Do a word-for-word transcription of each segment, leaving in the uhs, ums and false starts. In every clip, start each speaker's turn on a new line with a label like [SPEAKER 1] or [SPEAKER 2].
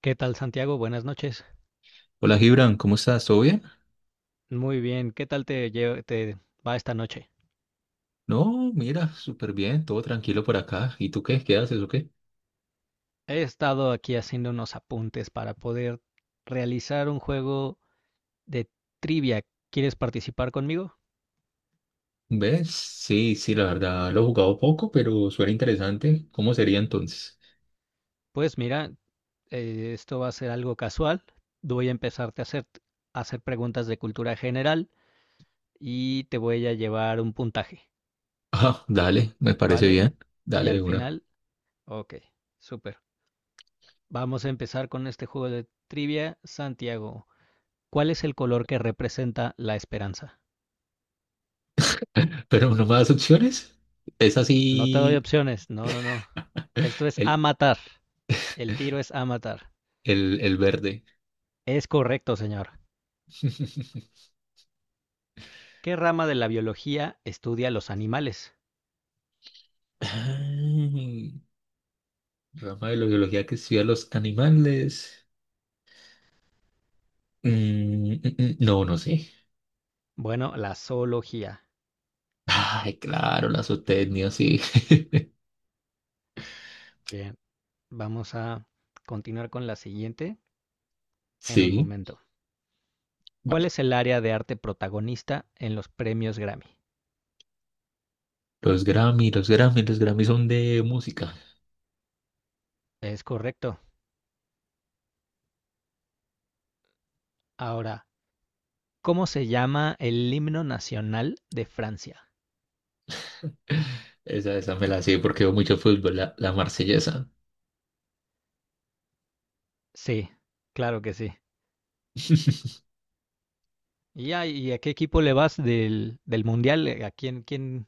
[SPEAKER 1] ¿Qué tal, Santiago? Buenas noches.
[SPEAKER 2] Hola Gibran, ¿cómo estás? ¿Todo bien?
[SPEAKER 1] Muy bien, ¿qué tal te, lle- te va esta noche?
[SPEAKER 2] No, mira, súper bien, todo tranquilo por acá. ¿Y tú qué? ¿Qué haces o qué?
[SPEAKER 1] He estado aquí haciendo unos apuntes para poder realizar un juego de trivia. ¿Quieres participar conmigo?
[SPEAKER 2] ¿Ves? Sí, sí, la verdad lo he jugado poco, pero suena interesante. ¿Cómo sería entonces?
[SPEAKER 1] Pues mira, eh, esto va a ser algo casual. Voy a empezarte a hacer, a hacer preguntas de cultura general y te voy a llevar un puntaje,
[SPEAKER 2] Ah, dale, me parece
[SPEAKER 1] ¿vale?
[SPEAKER 2] bien.
[SPEAKER 1] Y
[SPEAKER 2] Dale
[SPEAKER 1] al
[SPEAKER 2] de una.
[SPEAKER 1] final, ok, súper. Vamos a empezar con este juego de trivia, Santiago. ¿Cuál es el color que representa la esperanza?
[SPEAKER 2] Pero no más opciones. Es
[SPEAKER 1] No te doy
[SPEAKER 2] así
[SPEAKER 1] opciones. No, no, no. Esto es a
[SPEAKER 2] el,
[SPEAKER 1] matar. El tiro es a matar.
[SPEAKER 2] el, el verde.
[SPEAKER 1] Es correcto, señor. ¿Qué rama de la biología estudia los animales?
[SPEAKER 2] Ay, rama de la biología que estudia los animales. Mm, mm, mm, no, no sé.
[SPEAKER 1] Bueno, la zoología.
[SPEAKER 2] Ay, claro, la zootecnia, sí.
[SPEAKER 1] Bien, vamos a continuar con la siguiente en un
[SPEAKER 2] Sí.
[SPEAKER 1] momento. ¿Cuál
[SPEAKER 2] Vale.
[SPEAKER 1] es el área de arte protagonista en los premios Grammy?
[SPEAKER 2] Los Grammy, los Grammy, Los Grammy son de música.
[SPEAKER 1] Es correcto. Ahora, ¿cómo se llama el himno nacional de Francia?
[SPEAKER 2] Esa, esa me la sé porque veo mucho fútbol, la, la marsellesa.
[SPEAKER 1] Sí, claro que sí. Y ya, ¿y a qué equipo le vas del, del mundial? Eh, ¿A quién, quién,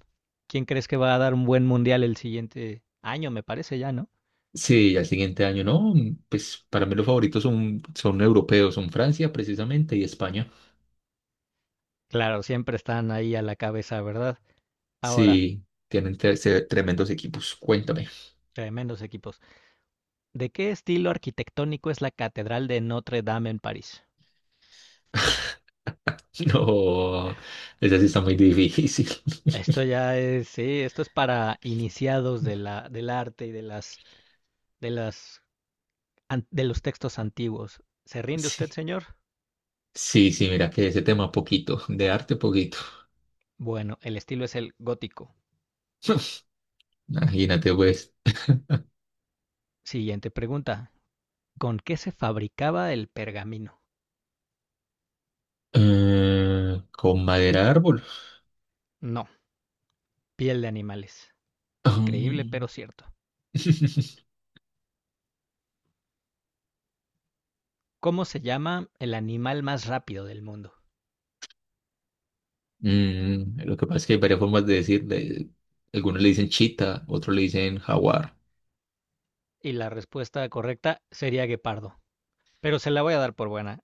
[SPEAKER 1] quién crees que va a dar un buen mundial el siguiente año, me parece ya, ¿no?
[SPEAKER 2] Sí, al siguiente año, no, pues para mí los favoritos son, son europeos, son Francia precisamente y España.
[SPEAKER 1] Claro, siempre están ahí a la cabeza, ¿verdad? Ahora,
[SPEAKER 2] Sí, tienen tre- se- tremendos equipos, cuéntame.
[SPEAKER 1] tremendos equipos. ¿De qué estilo arquitectónico es la Catedral de Notre Dame en París?
[SPEAKER 2] No, esa sí está muy difícil.
[SPEAKER 1] Esto ya es, sí, esto es para iniciados de la, del arte y de las, de las, an- de los textos antiguos. ¿Se rinde usted,
[SPEAKER 2] Sí,
[SPEAKER 1] señor?
[SPEAKER 2] sí, sí, mira que ese tema poquito, de arte poquito.
[SPEAKER 1] Bueno, el estilo es el gótico.
[SPEAKER 2] Imagínate pues,
[SPEAKER 1] Siguiente pregunta. ¿Con qué se fabricaba el pergamino?
[SPEAKER 2] eh, con madera de árbol.
[SPEAKER 1] No, piel de animales.
[SPEAKER 2] Ah.
[SPEAKER 1] Increíble, pero cierto. ¿Cómo se llama el animal más rápido del mundo?
[SPEAKER 2] Mm, lo que pasa es que hay varias formas de decirle. Algunos le dicen chita, otros le dicen jaguar.
[SPEAKER 1] Y la respuesta correcta sería guepardo. Pero se la voy a dar por buena.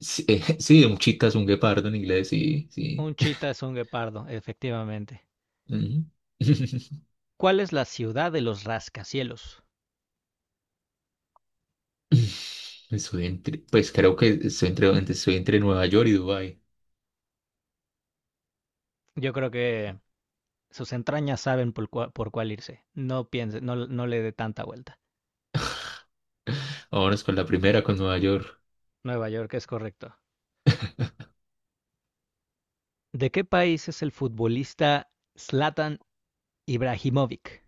[SPEAKER 2] Sí, eh, sí, un chita es un guepardo en inglés, sí, sí.
[SPEAKER 1] Un chita es un guepardo, efectivamente.
[SPEAKER 2] Ujú.
[SPEAKER 1] ¿Cuál es la ciudad de los rascacielos?
[SPEAKER 2] Estoy entre- pues creo que estoy entre, estoy entre Nueva York y Dubái.
[SPEAKER 1] Yo creo que sus entrañas saben por, cua- por cuál irse. No piense, no, no le dé tanta vuelta.
[SPEAKER 2] Vámonos con la primera, con Nueva York.
[SPEAKER 1] Nueva York es correcto. ¿De qué país es el futbolista Zlatan Ibrahimovic?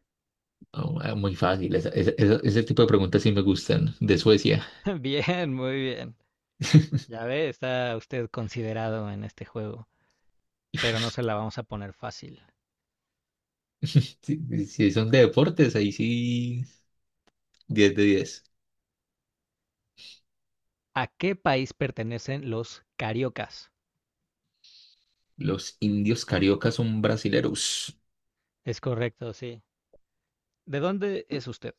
[SPEAKER 2] Oh, ah, muy fácil, esa- esa- esa- ese tipo de preguntas sí me gustan, de Suecia.
[SPEAKER 1] Bien, muy bien. Ya ve, está usted considerado en este juego, pero no se la vamos a poner fácil.
[SPEAKER 2] Si, si son de deportes, ahí sí, diez de diez.
[SPEAKER 1] ¿A qué país pertenecen los cariocas?
[SPEAKER 2] Los indios cariocas son brasileros.
[SPEAKER 1] Es correcto, sí. ¿De dónde es usted?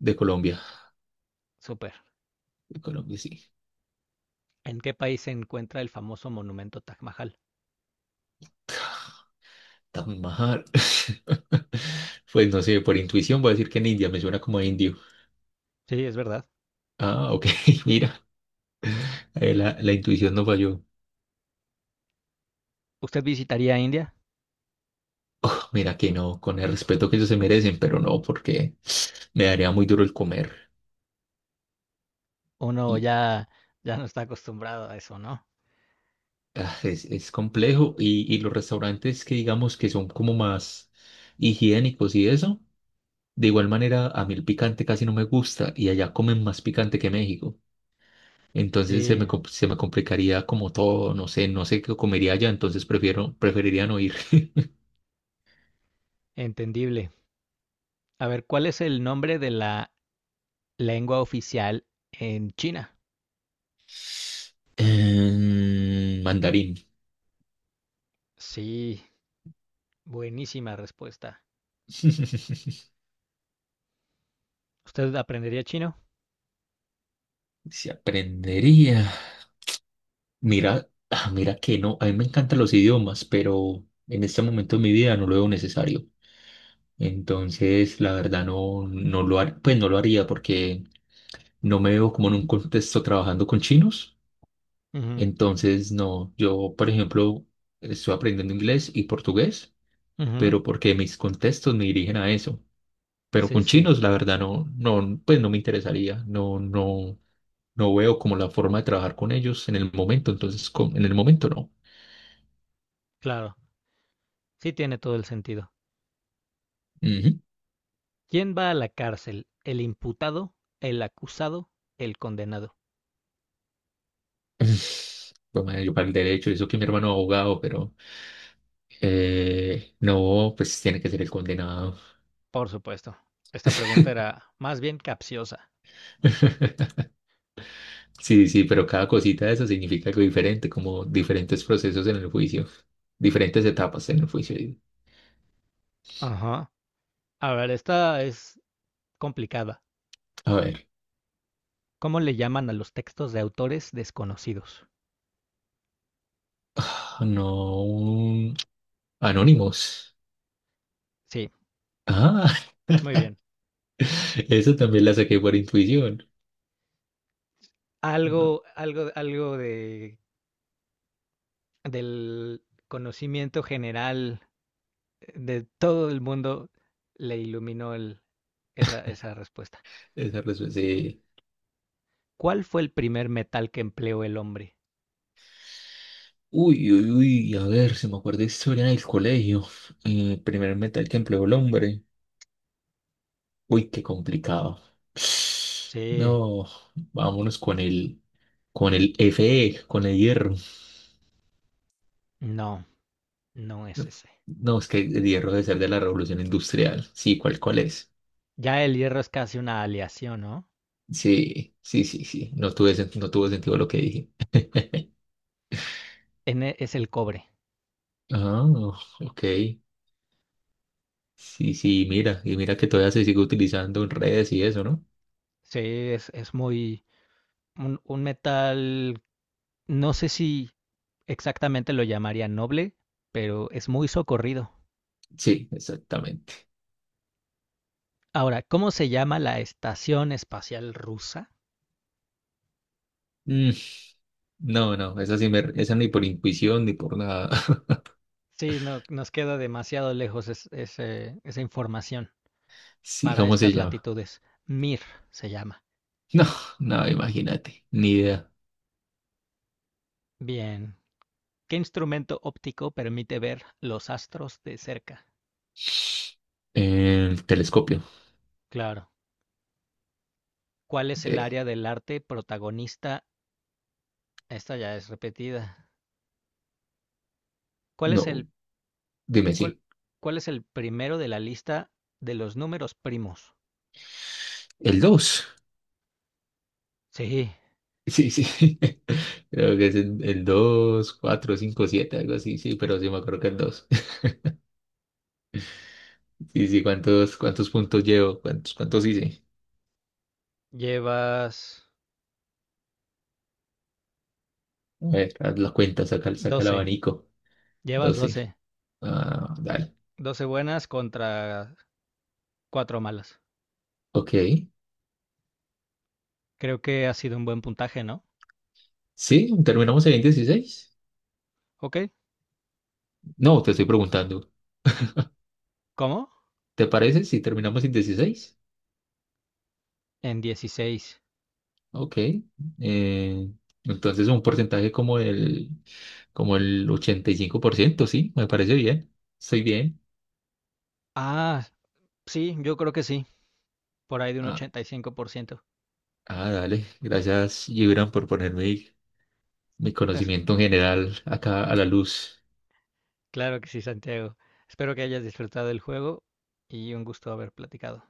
[SPEAKER 2] De Colombia.
[SPEAKER 1] Súper.
[SPEAKER 2] De Colombia, sí.
[SPEAKER 1] ¿En qué país se encuentra el famoso monumento Taj Mahal?
[SPEAKER 2] Taj Mahal. Pues no sé, por intuición voy a decir que en India, me suena como a indio.
[SPEAKER 1] Sí, es verdad.
[SPEAKER 2] Ah, ok, mira, eh, la, la intuición no falló.
[SPEAKER 1] ¿Usted visitaría India?
[SPEAKER 2] Mira que no, con el respeto que ellos se merecen, pero no, porque me daría muy duro el comer.
[SPEAKER 1] Uno
[SPEAKER 2] Y
[SPEAKER 1] ya, ya no está acostumbrado a eso, ¿no?
[SPEAKER 2] ah, es, es complejo. Y, y los restaurantes que digamos que son como más higiénicos y eso, de igual manera, a mí el picante casi no me gusta y allá comen más picante que México. Entonces se me,
[SPEAKER 1] Sí,
[SPEAKER 2] com- se me complicaría como todo, no sé, no sé qué comería allá, entonces prefiero, preferiría no ir.
[SPEAKER 1] entendible. A ver, ¿cuál es el nombre de la lengua oficial en China?
[SPEAKER 2] Em, mandarín.
[SPEAKER 1] Sí, buenísima respuesta. ¿Usted aprendería chino?
[SPEAKER 2] Si aprendería. Mira, ah, mira que no, a mí me encantan los idiomas, pero en este momento de mi vida no lo veo necesario. Entonces, la verdad no, no lo haría, pues no lo haría porque no me veo como en un contexto trabajando con chinos.
[SPEAKER 1] Ujú.
[SPEAKER 2] Entonces, no, yo, por ejemplo, estoy aprendiendo inglés y portugués.
[SPEAKER 1] Ujú,
[SPEAKER 2] Pero porque mis contextos me dirigen a eso. Pero
[SPEAKER 1] sí,
[SPEAKER 2] con
[SPEAKER 1] sí,
[SPEAKER 2] chinos, la verdad, no, no, pues no me interesaría, no, no, no veo como la forma de trabajar con ellos en el momento, entonces con- en el momento no.
[SPEAKER 1] claro. Sí tiene todo el sentido.
[SPEAKER 2] Ujú.
[SPEAKER 1] ¿Quién va a la cárcel? ¿El imputado, el acusado, el condenado?
[SPEAKER 2] Pues madre, yo para el derecho, eso que mi hermano es abogado, pero eh, no, pues tiene que ser el condenado.
[SPEAKER 1] Por supuesto. Esta pregunta era más bien capciosa.
[SPEAKER 2] Sí, sí, pero cada cosita de eso significa algo diferente, como diferentes procesos en el juicio, diferentes etapas en el juicio.
[SPEAKER 1] Ajá. A ver, esta es complicada.
[SPEAKER 2] A ver,
[SPEAKER 1] ¿Cómo le llaman a los textos de autores desconocidos?
[SPEAKER 2] no. Anónimos.
[SPEAKER 1] Sí,
[SPEAKER 2] Ah,
[SPEAKER 1] muy bien.
[SPEAKER 2] eso también la saqué por intuición. No,
[SPEAKER 1] Algo, algo, algo de, del conocimiento general de todo el mundo le iluminó el- esa, esa respuesta.
[SPEAKER 2] esa respuesta, sí.
[SPEAKER 1] ¿Cuál fue el primer metal que empleó el hombre?
[SPEAKER 2] Uy, uy, uy, a ver, se me acuerda de historia del colegio. El primer metal que empleó el hombre. Uy, qué complicado.
[SPEAKER 1] Sí,
[SPEAKER 2] No, vámonos con el, con el Fe, con el hierro.
[SPEAKER 1] no, no es ese.
[SPEAKER 2] No, es que el hierro debe ser de la revolución industrial. Sí, ¿cuál, cuál es?
[SPEAKER 1] Ya el hierro es casi una aleación, ¿no?
[SPEAKER 2] Sí, sí, sí, sí. No tuve, sen- no tuvo sentido lo que dije.
[SPEAKER 1] En e- es el cobre.
[SPEAKER 2] Ah, ok. Sí, sí, mira, y mira que todavía se sigue utilizando en redes y eso, ¿no?
[SPEAKER 1] Sí, es, es muy. Un, un metal, no sé si exactamente lo llamaría noble, pero es muy socorrido.
[SPEAKER 2] Sí, exactamente.
[SPEAKER 1] Ahora, ¿cómo se llama la Estación Espacial Rusa?
[SPEAKER 2] Mm, no, no, esa sí me, esa ni por intuición ni por nada.
[SPEAKER 1] Sí, no, nos queda demasiado lejos es- ese- esa información
[SPEAKER 2] Sí,
[SPEAKER 1] para
[SPEAKER 2] ¿cómo se
[SPEAKER 1] estas
[SPEAKER 2] llama?
[SPEAKER 1] latitudes. MIR se llama.
[SPEAKER 2] No, no, imagínate, ni idea.
[SPEAKER 1] Bien. ¿Qué instrumento óptico permite ver los astros de cerca?
[SPEAKER 2] El telescopio.
[SPEAKER 1] Claro. ¿Cuál es el
[SPEAKER 2] Eh,
[SPEAKER 1] área del arte protagonista? Esta ya es repetida. ¿Cuál es
[SPEAKER 2] no,
[SPEAKER 1] el,
[SPEAKER 2] dime
[SPEAKER 1] cuál,
[SPEAKER 2] sí.
[SPEAKER 1] cuál es el primero de la lista de los números primos?
[SPEAKER 2] El dos.
[SPEAKER 1] Sí,
[SPEAKER 2] Sí, sí. Creo que es el, el dos, cuatro, cinco, siete, algo así, sí, pero sí me acuerdo que el dos. Sí, sí, ¿cuántos, cuántos puntos llevo? ¿Cuántos, cuántos hice?
[SPEAKER 1] llevas
[SPEAKER 2] A ver, haz la cuenta, saca, saca el
[SPEAKER 1] doce.
[SPEAKER 2] abanico.
[SPEAKER 1] Llevas
[SPEAKER 2] doce.
[SPEAKER 1] doce.
[SPEAKER 2] Ah, dale.
[SPEAKER 1] Doce buenas contra cuatro malas.
[SPEAKER 2] Ok.
[SPEAKER 1] Creo que ha sido un buen puntaje, ¿no?
[SPEAKER 2] Sí, ¿terminamos en dieciséis?
[SPEAKER 1] ¿Ok?
[SPEAKER 2] No, te estoy preguntando.
[SPEAKER 1] ¿Cómo?
[SPEAKER 2] ¿Te parece si terminamos en dieciséis?
[SPEAKER 1] En dieciséis.
[SPEAKER 2] Ok. Eh, entonces un porcentaje como el, como el ochenta y cinco por ciento, sí, me parece bien. Estoy bien.
[SPEAKER 1] Ah, sí, yo creo que sí, por ahí de un
[SPEAKER 2] Ah,
[SPEAKER 1] ochenta y cinco por ciento.
[SPEAKER 2] ah, dale. Gracias, Gibran, por poner mi, mi
[SPEAKER 1] Es,
[SPEAKER 2] conocimiento en general acá a la luz.
[SPEAKER 1] claro que sí, Santiago. Espero que hayas disfrutado el juego y un gusto haber platicado.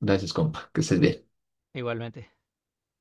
[SPEAKER 2] Gracias, compa. Que estés bien.
[SPEAKER 1] Igualmente.